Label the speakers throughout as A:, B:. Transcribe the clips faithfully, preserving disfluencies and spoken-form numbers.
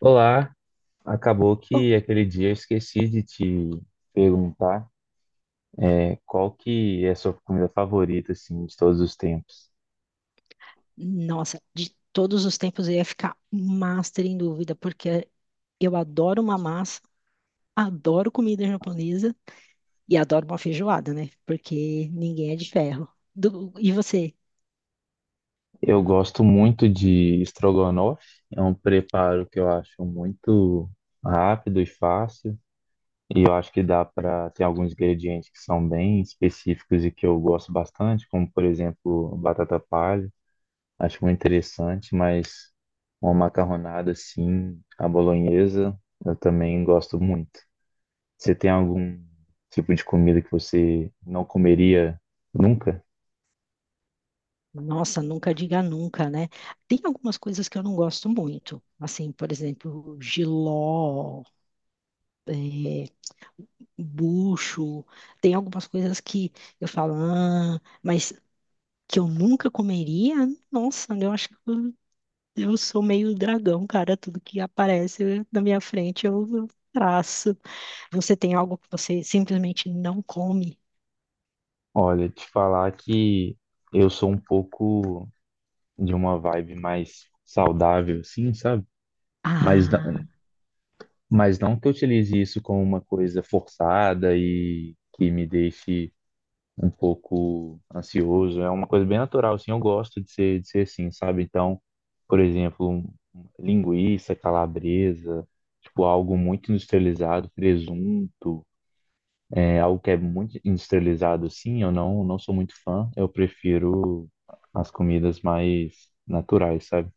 A: Olá, acabou
B: Oh,
A: que aquele dia eu esqueci de te perguntar é, qual que é a sua comida favorita assim de todos os tempos.
B: nossa, de todos os tempos eu ia ficar master em dúvida, porque eu adoro uma massa, adoro comida japonesa e adoro uma feijoada, né? Porque ninguém é de ferro. Do- e você?
A: Eu gosto muito de estrogonofe, é um preparo que eu acho muito rápido e fácil, e eu acho que dá para ter alguns ingredientes que são bem específicos e que eu gosto bastante, como por exemplo, batata palha, acho muito interessante, mas uma macarronada assim, a bolonhesa, eu também gosto muito. Você tem algum tipo de comida que você não comeria nunca?
B: Nossa, nunca diga nunca, né? Tem algumas coisas que eu não gosto muito, assim, por exemplo, jiló, é, bucho, tem algumas coisas que eu falo, ah, mas que eu nunca comeria, nossa, eu acho que eu sou meio dragão, cara. Tudo que aparece na minha frente eu eu traço. Você tem algo que você simplesmente não come?
A: Olha, te falar que eu sou um pouco de uma vibe mais saudável, sim, sabe? Mas, na-
B: Ah,
A: mas não que eu utilize isso como uma coisa forçada e que me deixe um pouco ansioso. É uma coisa bem natural, assim, eu gosto de ser, de ser assim, sabe? Então, por exemplo, um- um- linguiça, calabresa, tipo algo muito industrializado, presunto. É algo que é muito industrializado, sim, eu não, não sou muito fã. Eu prefiro as comidas mais naturais, sabe?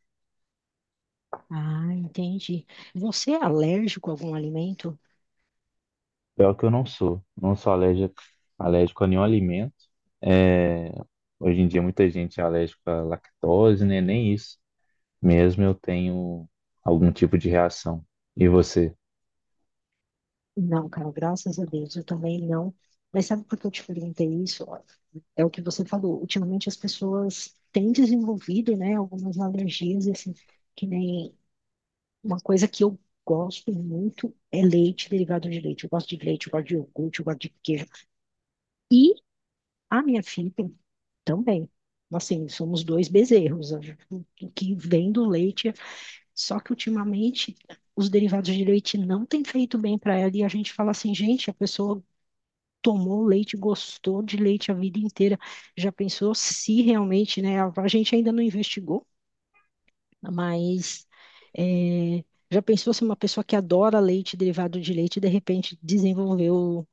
B: ah, entendi. Você é alérgico a algum alimento?
A: Pior que eu não sou. Não sou alérgico, alérgico a nenhum alimento. É, Hoje em dia muita gente é alérgica à lactose, né? Nem isso. Mesmo eu tenho algum tipo de reação. E você?
B: Não, cara, graças a Deus, eu também não. Mas sabe por que eu te perguntei isso? Ó, é o que você falou. Ultimamente as pessoas têm desenvolvido, né, algumas alergias, assim, que nem uma coisa que eu gosto muito é leite, derivado de leite. Eu gosto de leite, eu gosto de iogurte, eu gosto de queijo, e a minha filha também. Assim, somos dois bezerros. O que vem do leite, só que ultimamente os derivados de leite não têm feito bem para ela. E a gente fala assim, gente, a pessoa tomou leite, gostou de leite a vida inteira. Já pensou se realmente, né? A a gente ainda não investigou, mas é, já pensou se uma pessoa que adora leite, derivado de leite, de repente desenvolveu,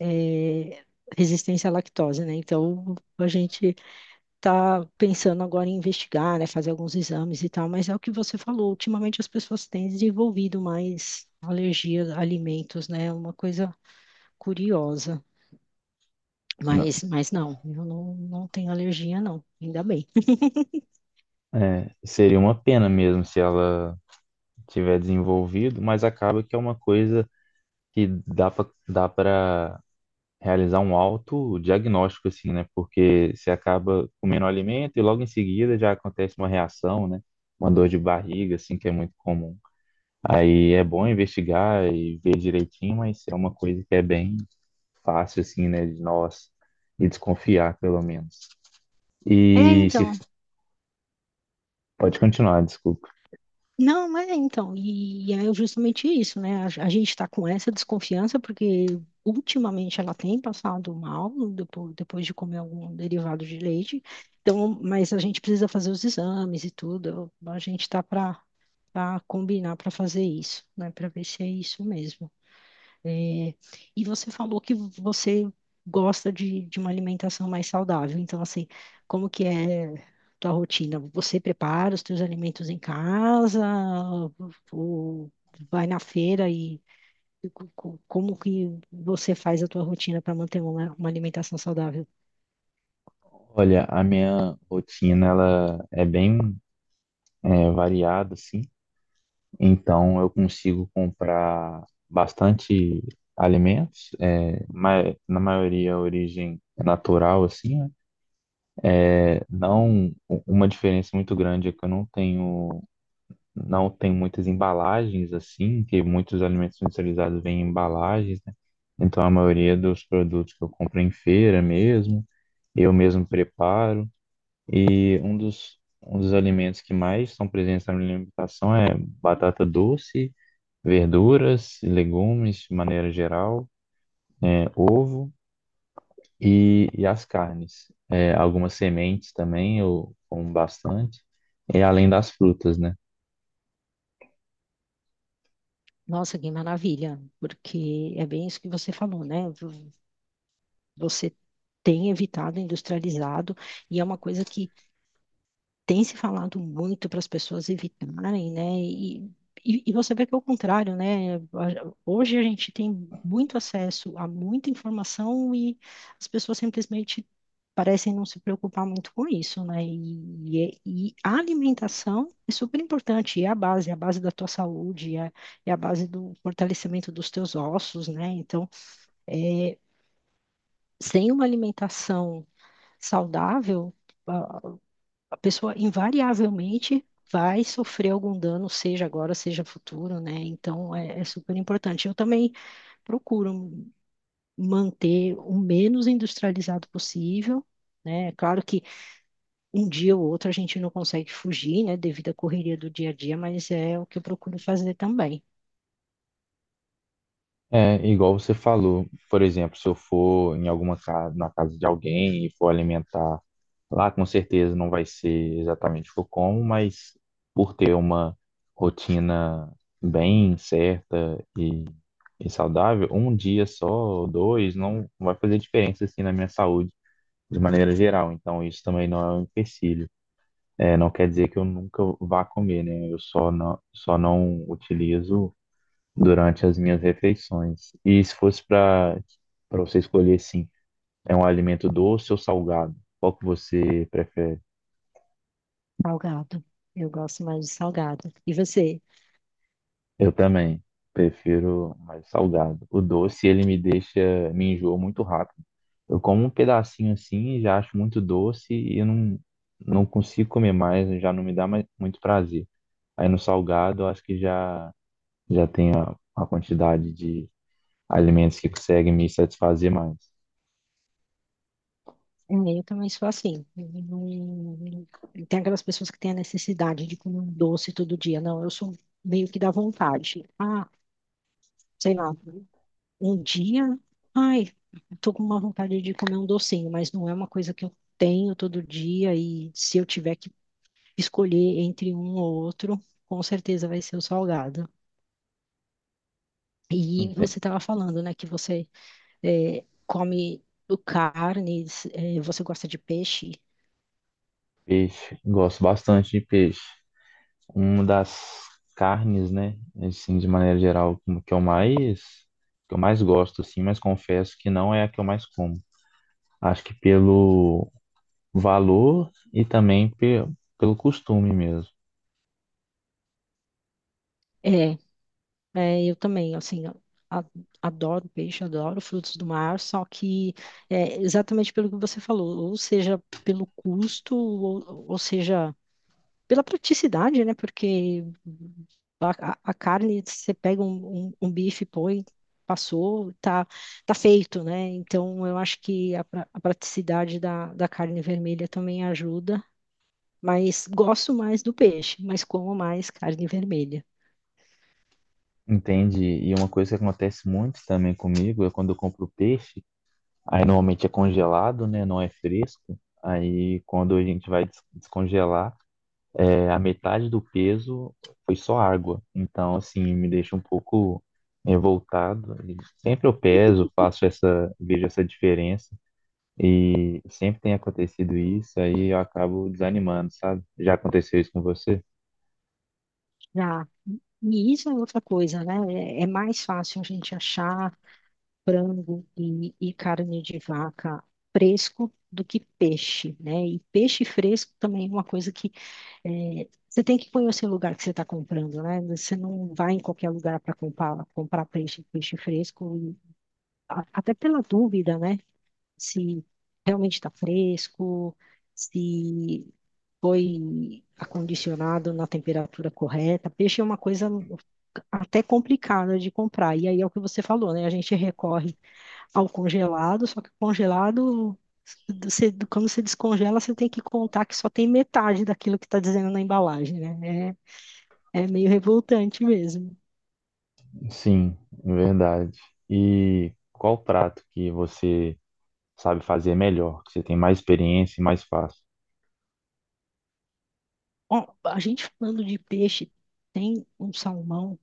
B: é, resistência à lactose, né? Então a gente tá pensando agora em investigar, né, fazer alguns exames e tal, mas é o que você falou, ultimamente as pessoas têm desenvolvido mais alergia a alimentos, né? É uma coisa curiosa.
A: Não.
B: Mas, mas não, eu não, não tenho alergia, não, ainda bem.
A: É, seria uma pena mesmo se ela tiver desenvolvido, mas acaba que é uma coisa que dá para dá para realizar um autodiagnóstico, assim, né? Porque você acaba comendo um alimento e logo em seguida já acontece uma reação, né? Uma dor de barriga, assim, que é muito comum. Aí é bom investigar e ver direitinho, mas é uma coisa que é bem fácil, assim, né? De nós e desconfiar, pelo menos.
B: É,
A: E se-
B: então.
A: pode continuar, desculpa.
B: Não, mas é, então. E é justamente isso, né? A, a gente está com essa desconfiança porque ultimamente ela tem passado mal depois, depois de comer algum derivado de leite. Então, mas a gente precisa fazer os exames e tudo. A gente está para para combinar para fazer isso, né? Para ver se é isso mesmo. É, e você falou que você gosta de, de uma alimentação mais saudável. Então, assim, como que é tua rotina? Você prepara os teus alimentos em casa ou vai na feira e e co- co- como que você faz a tua rotina para manter uma, uma alimentação saudável?
A: Olha, a minha rotina, ela é bem é, variada, assim. Então eu consigo comprar bastante alimentos, é, ma- na maioria a origem é natural, assim, né? É, não u- uma diferença muito grande é que eu não tenho não tenho muitas embalagens assim, que muitos alimentos industrializados vêm em embalagens, né? Então a maioria dos produtos que eu compro é em feira mesmo, eu mesmo preparo. E um dos, um dos alimentos que mais são presentes na minha alimentação é batata doce, verduras e legumes de maneira geral, é, ovo e, e as carnes. É, algumas sementes também eu como bastante, e além das frutas, né?
B: Nossa, que maravilha, porque é bem isso que você falou, né? Você tem evitado industrializado e é uma coisa que tem se falado muito para as pessoas evitarem, né? E, e, e você vê que é o contrário, né? A- Hoje a gente tem muito acesso a muita informação e as pessoas simplesmente parecem não se preocupar muito com isso, né? E, e, é, e a alimentação é super importante, é a base, é a base da tua saúde, é, é a base do fortalecimento dos teus ossos, né? Então, é, sem uma alimentação saudável, a a pessoa invariavelmente vai sofrer algum dano, seja agora, seja futuro, né? Então é, é super importante. Eu também procuro manter o menos industrializado possível. Né? É claro que um dia ou outro a gente não consegue fugir, né, devido à correria do dia a dia, mas é o que eu procuro fazer também.
A: É, igual você falou, por exemplo, se eu for em alguma casa, na casa de alguém e for alimentar lá, com certeza não vai ser exatamente o que eu como, mas por ter uma rotina bem certa e, e saudável, um dia só, ou dois, não vai fazer diferença assim na minha saúde, de maneira geral, então isso também não é um empecilho. É, não quer dizer que eu nunca vá comer, né? Eu só não, só não utilizo durante as minhas refeições. E se fosse para para você escolher, sim, é um alimento doce ou salgado? Qual que você prefere?
B: Salgado. Eu gosto mais de salgado. E você?
A: Eu também prefiro mais salgado. O doce, ele me deixa, me enjoa muito rápido. Eu como um pedacinho assim, e já acho muito doce e não, não consigo comer mais, já não me dá mais, muito prazer. Aí no salgado, eu acho que já, já tem a, a quantidade de alimentos que conseguem me satisfazer mais.
B: É, eu também sou assim. Eu não- Tem aquelas pessoas que têm a necessidade de comer um doce todo dia. Não, eu sou meio que da vontade. Ah, sei lá, um dia, ai, tô com uma vontade de comer um docinho, mas não é uma coisa que eu tenho todo dia. E se eu tiver que escolher entre um ou outro, com certeza vai ser o salgado. E
A: Ente-
B: você estava falando, né, que você eh, come carnes, eh, você gosta de peixe.
A: Peixe, gosto bastante de peixe. Uma das carnes, né? Assim, de maneira geral, como que eu mais que eu mais gosto, assim, mas confesso que não é a que eu mais como. Acho que pelo valor e também pe pelo costume mesmo.
B: É, É, eu também, assim, eu a- adoro peixe, adoro frutos do mar, só que é, exatamente pelo que você falou, ou seja, pelo custo, ou, ou seja, pela praticidade, né? Porque a, a- a carne, você pega um, um, um bife, põe, passou, tá, tá feito, né? Então, eu acho que a, pra- a praticidade da, da carne vermelha também ajuda, mas gosto mais do peixe, mas como mais carne vermelha.
A: Entende? E uma coisa que acontece muito também comigo é quando eu compro peixe, aí normalmente é congelado, né? Não é fresco. Aí quando a gente vai des- descongelar, é, a metade do peso foi só água. Então, assim, me deixa um pouco revoltado. E sempre eu peso, faço essa, vejo essa diferença. E sempre tem acontecido isso, aí eu acabo desanimando, sabe? Já aconteceu isso com você?
B: Já. E isso é outra coisa, né? É, é mais fácil a gente achar frango e, e carne de vaca fresco do que peixe, né? E peixe fresco também é uma coisa que eh, você tem que conhecer o lugar que você está comprando, né? Você não vai em qualquer lugar para comprar, comprar peixe, peixe fresco, e a- até pela dúvida, né? Se realmente está fresco, se foi acondicionado na temperatura correta. Peixe é uma coisa até complicada de comprar. E aí é o que você falou, né? A gente recorre ao congelado, só que o congelado, você- quando você descongela, você tem que contar que só tem metade daquilo que está dizendo na embalagem, né? É, é meio revoltante mesmo.
A: Sim, verdade. E qual prato que você sabe fazer melhor, que você tem mais experiência e mais fácil?
B: Ó, a gente falando de peixe, tem um salmão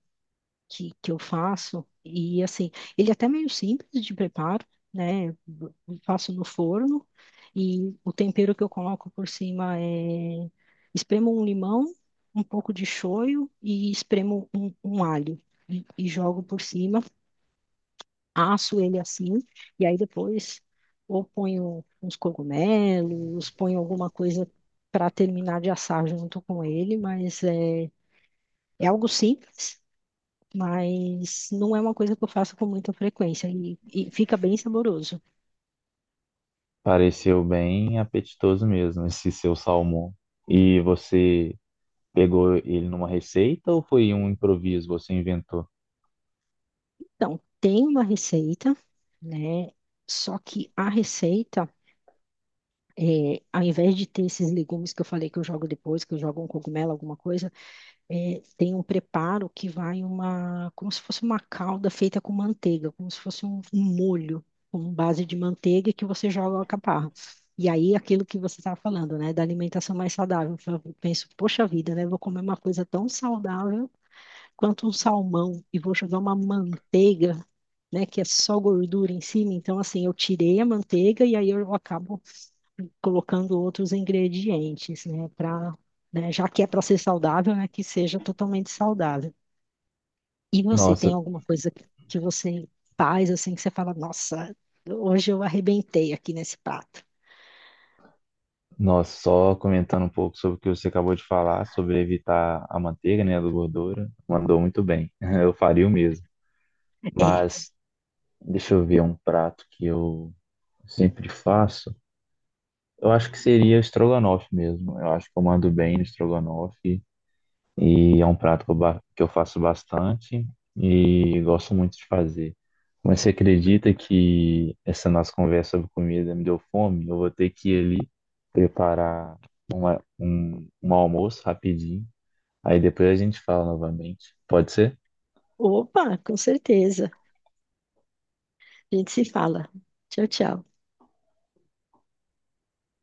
B: que, que eu faço. E assim, ele é até meio simples de preparo, né? Eu faço no forno e o tempero que eu coloco por cima é: espremo um limão, um pouco de shoyu e espremo um, um alho e, e jogo por cima, asso ele assim e aí depois ou ponho uns cogumelos, ponho alguma coisa para terminar de assar junto com ele, mas é, é algo simples, mas não é uma coisa que eu faço com muita frequência e, e fica bem saboroso.
A: Pareceu bem apetitoso mesmo esse seu salmão. E você pegou ele numa receita ou foi um improviso, você inventou?
B: Então, tem uma receita, né? Só que a receita, é, ao invés de ter esses legumes que eu falei que eu jogo depois, que eu jogo um cogumelo, alguma coisa, é, tem um preparo que vai uma, como se fosse uma calda feita com manteiga, como se fosse um, um molho com base de manteiga que você joga a caparra. E aí, aquilo que você estava falando, né, da alimentação mais saudável, então, eu penso, poxa vida, né, vou comer uma coisa tão saudável quanto um salmão e vou jogar uma manteiga, né, que é só gordura em cima. Então, assim, eu tirei a manteiga e aí eu acabo colocando outros ingredientes, né? Pra, né, já que é para ser saudável, né? Que seja totalmente saudável. E você tem
A: Nossa,
B: alguma coisa que que você faz assim que você fala, nossa, hoje eu arrebentei aqui nesse prato?
A: nossa, só comentando um pouco sobre o que você acabou de falar, sobre evitar a manteiga, né, a gordura, mandou muito bem. Eu faria o mesmo.
B: É.
A: Mas deixa eu ver um prato que eu sempre faço. Eu acho que seria estrogonofe mesmo. Eu acho que eu mando bem no estrogonofe. E é um prato que eu, ba- que eu faço bastante e gosto muito de fazer. Mas você acredita que essa nossa conversa sobre comida me deu fome? Eu vou ter que ir ali preparar uma, um, um almoço rapidinho. Aí depois a gente fala novamente. Pode ser?
B: Opa, com certeza. A gente se fala. Tchau, tchau.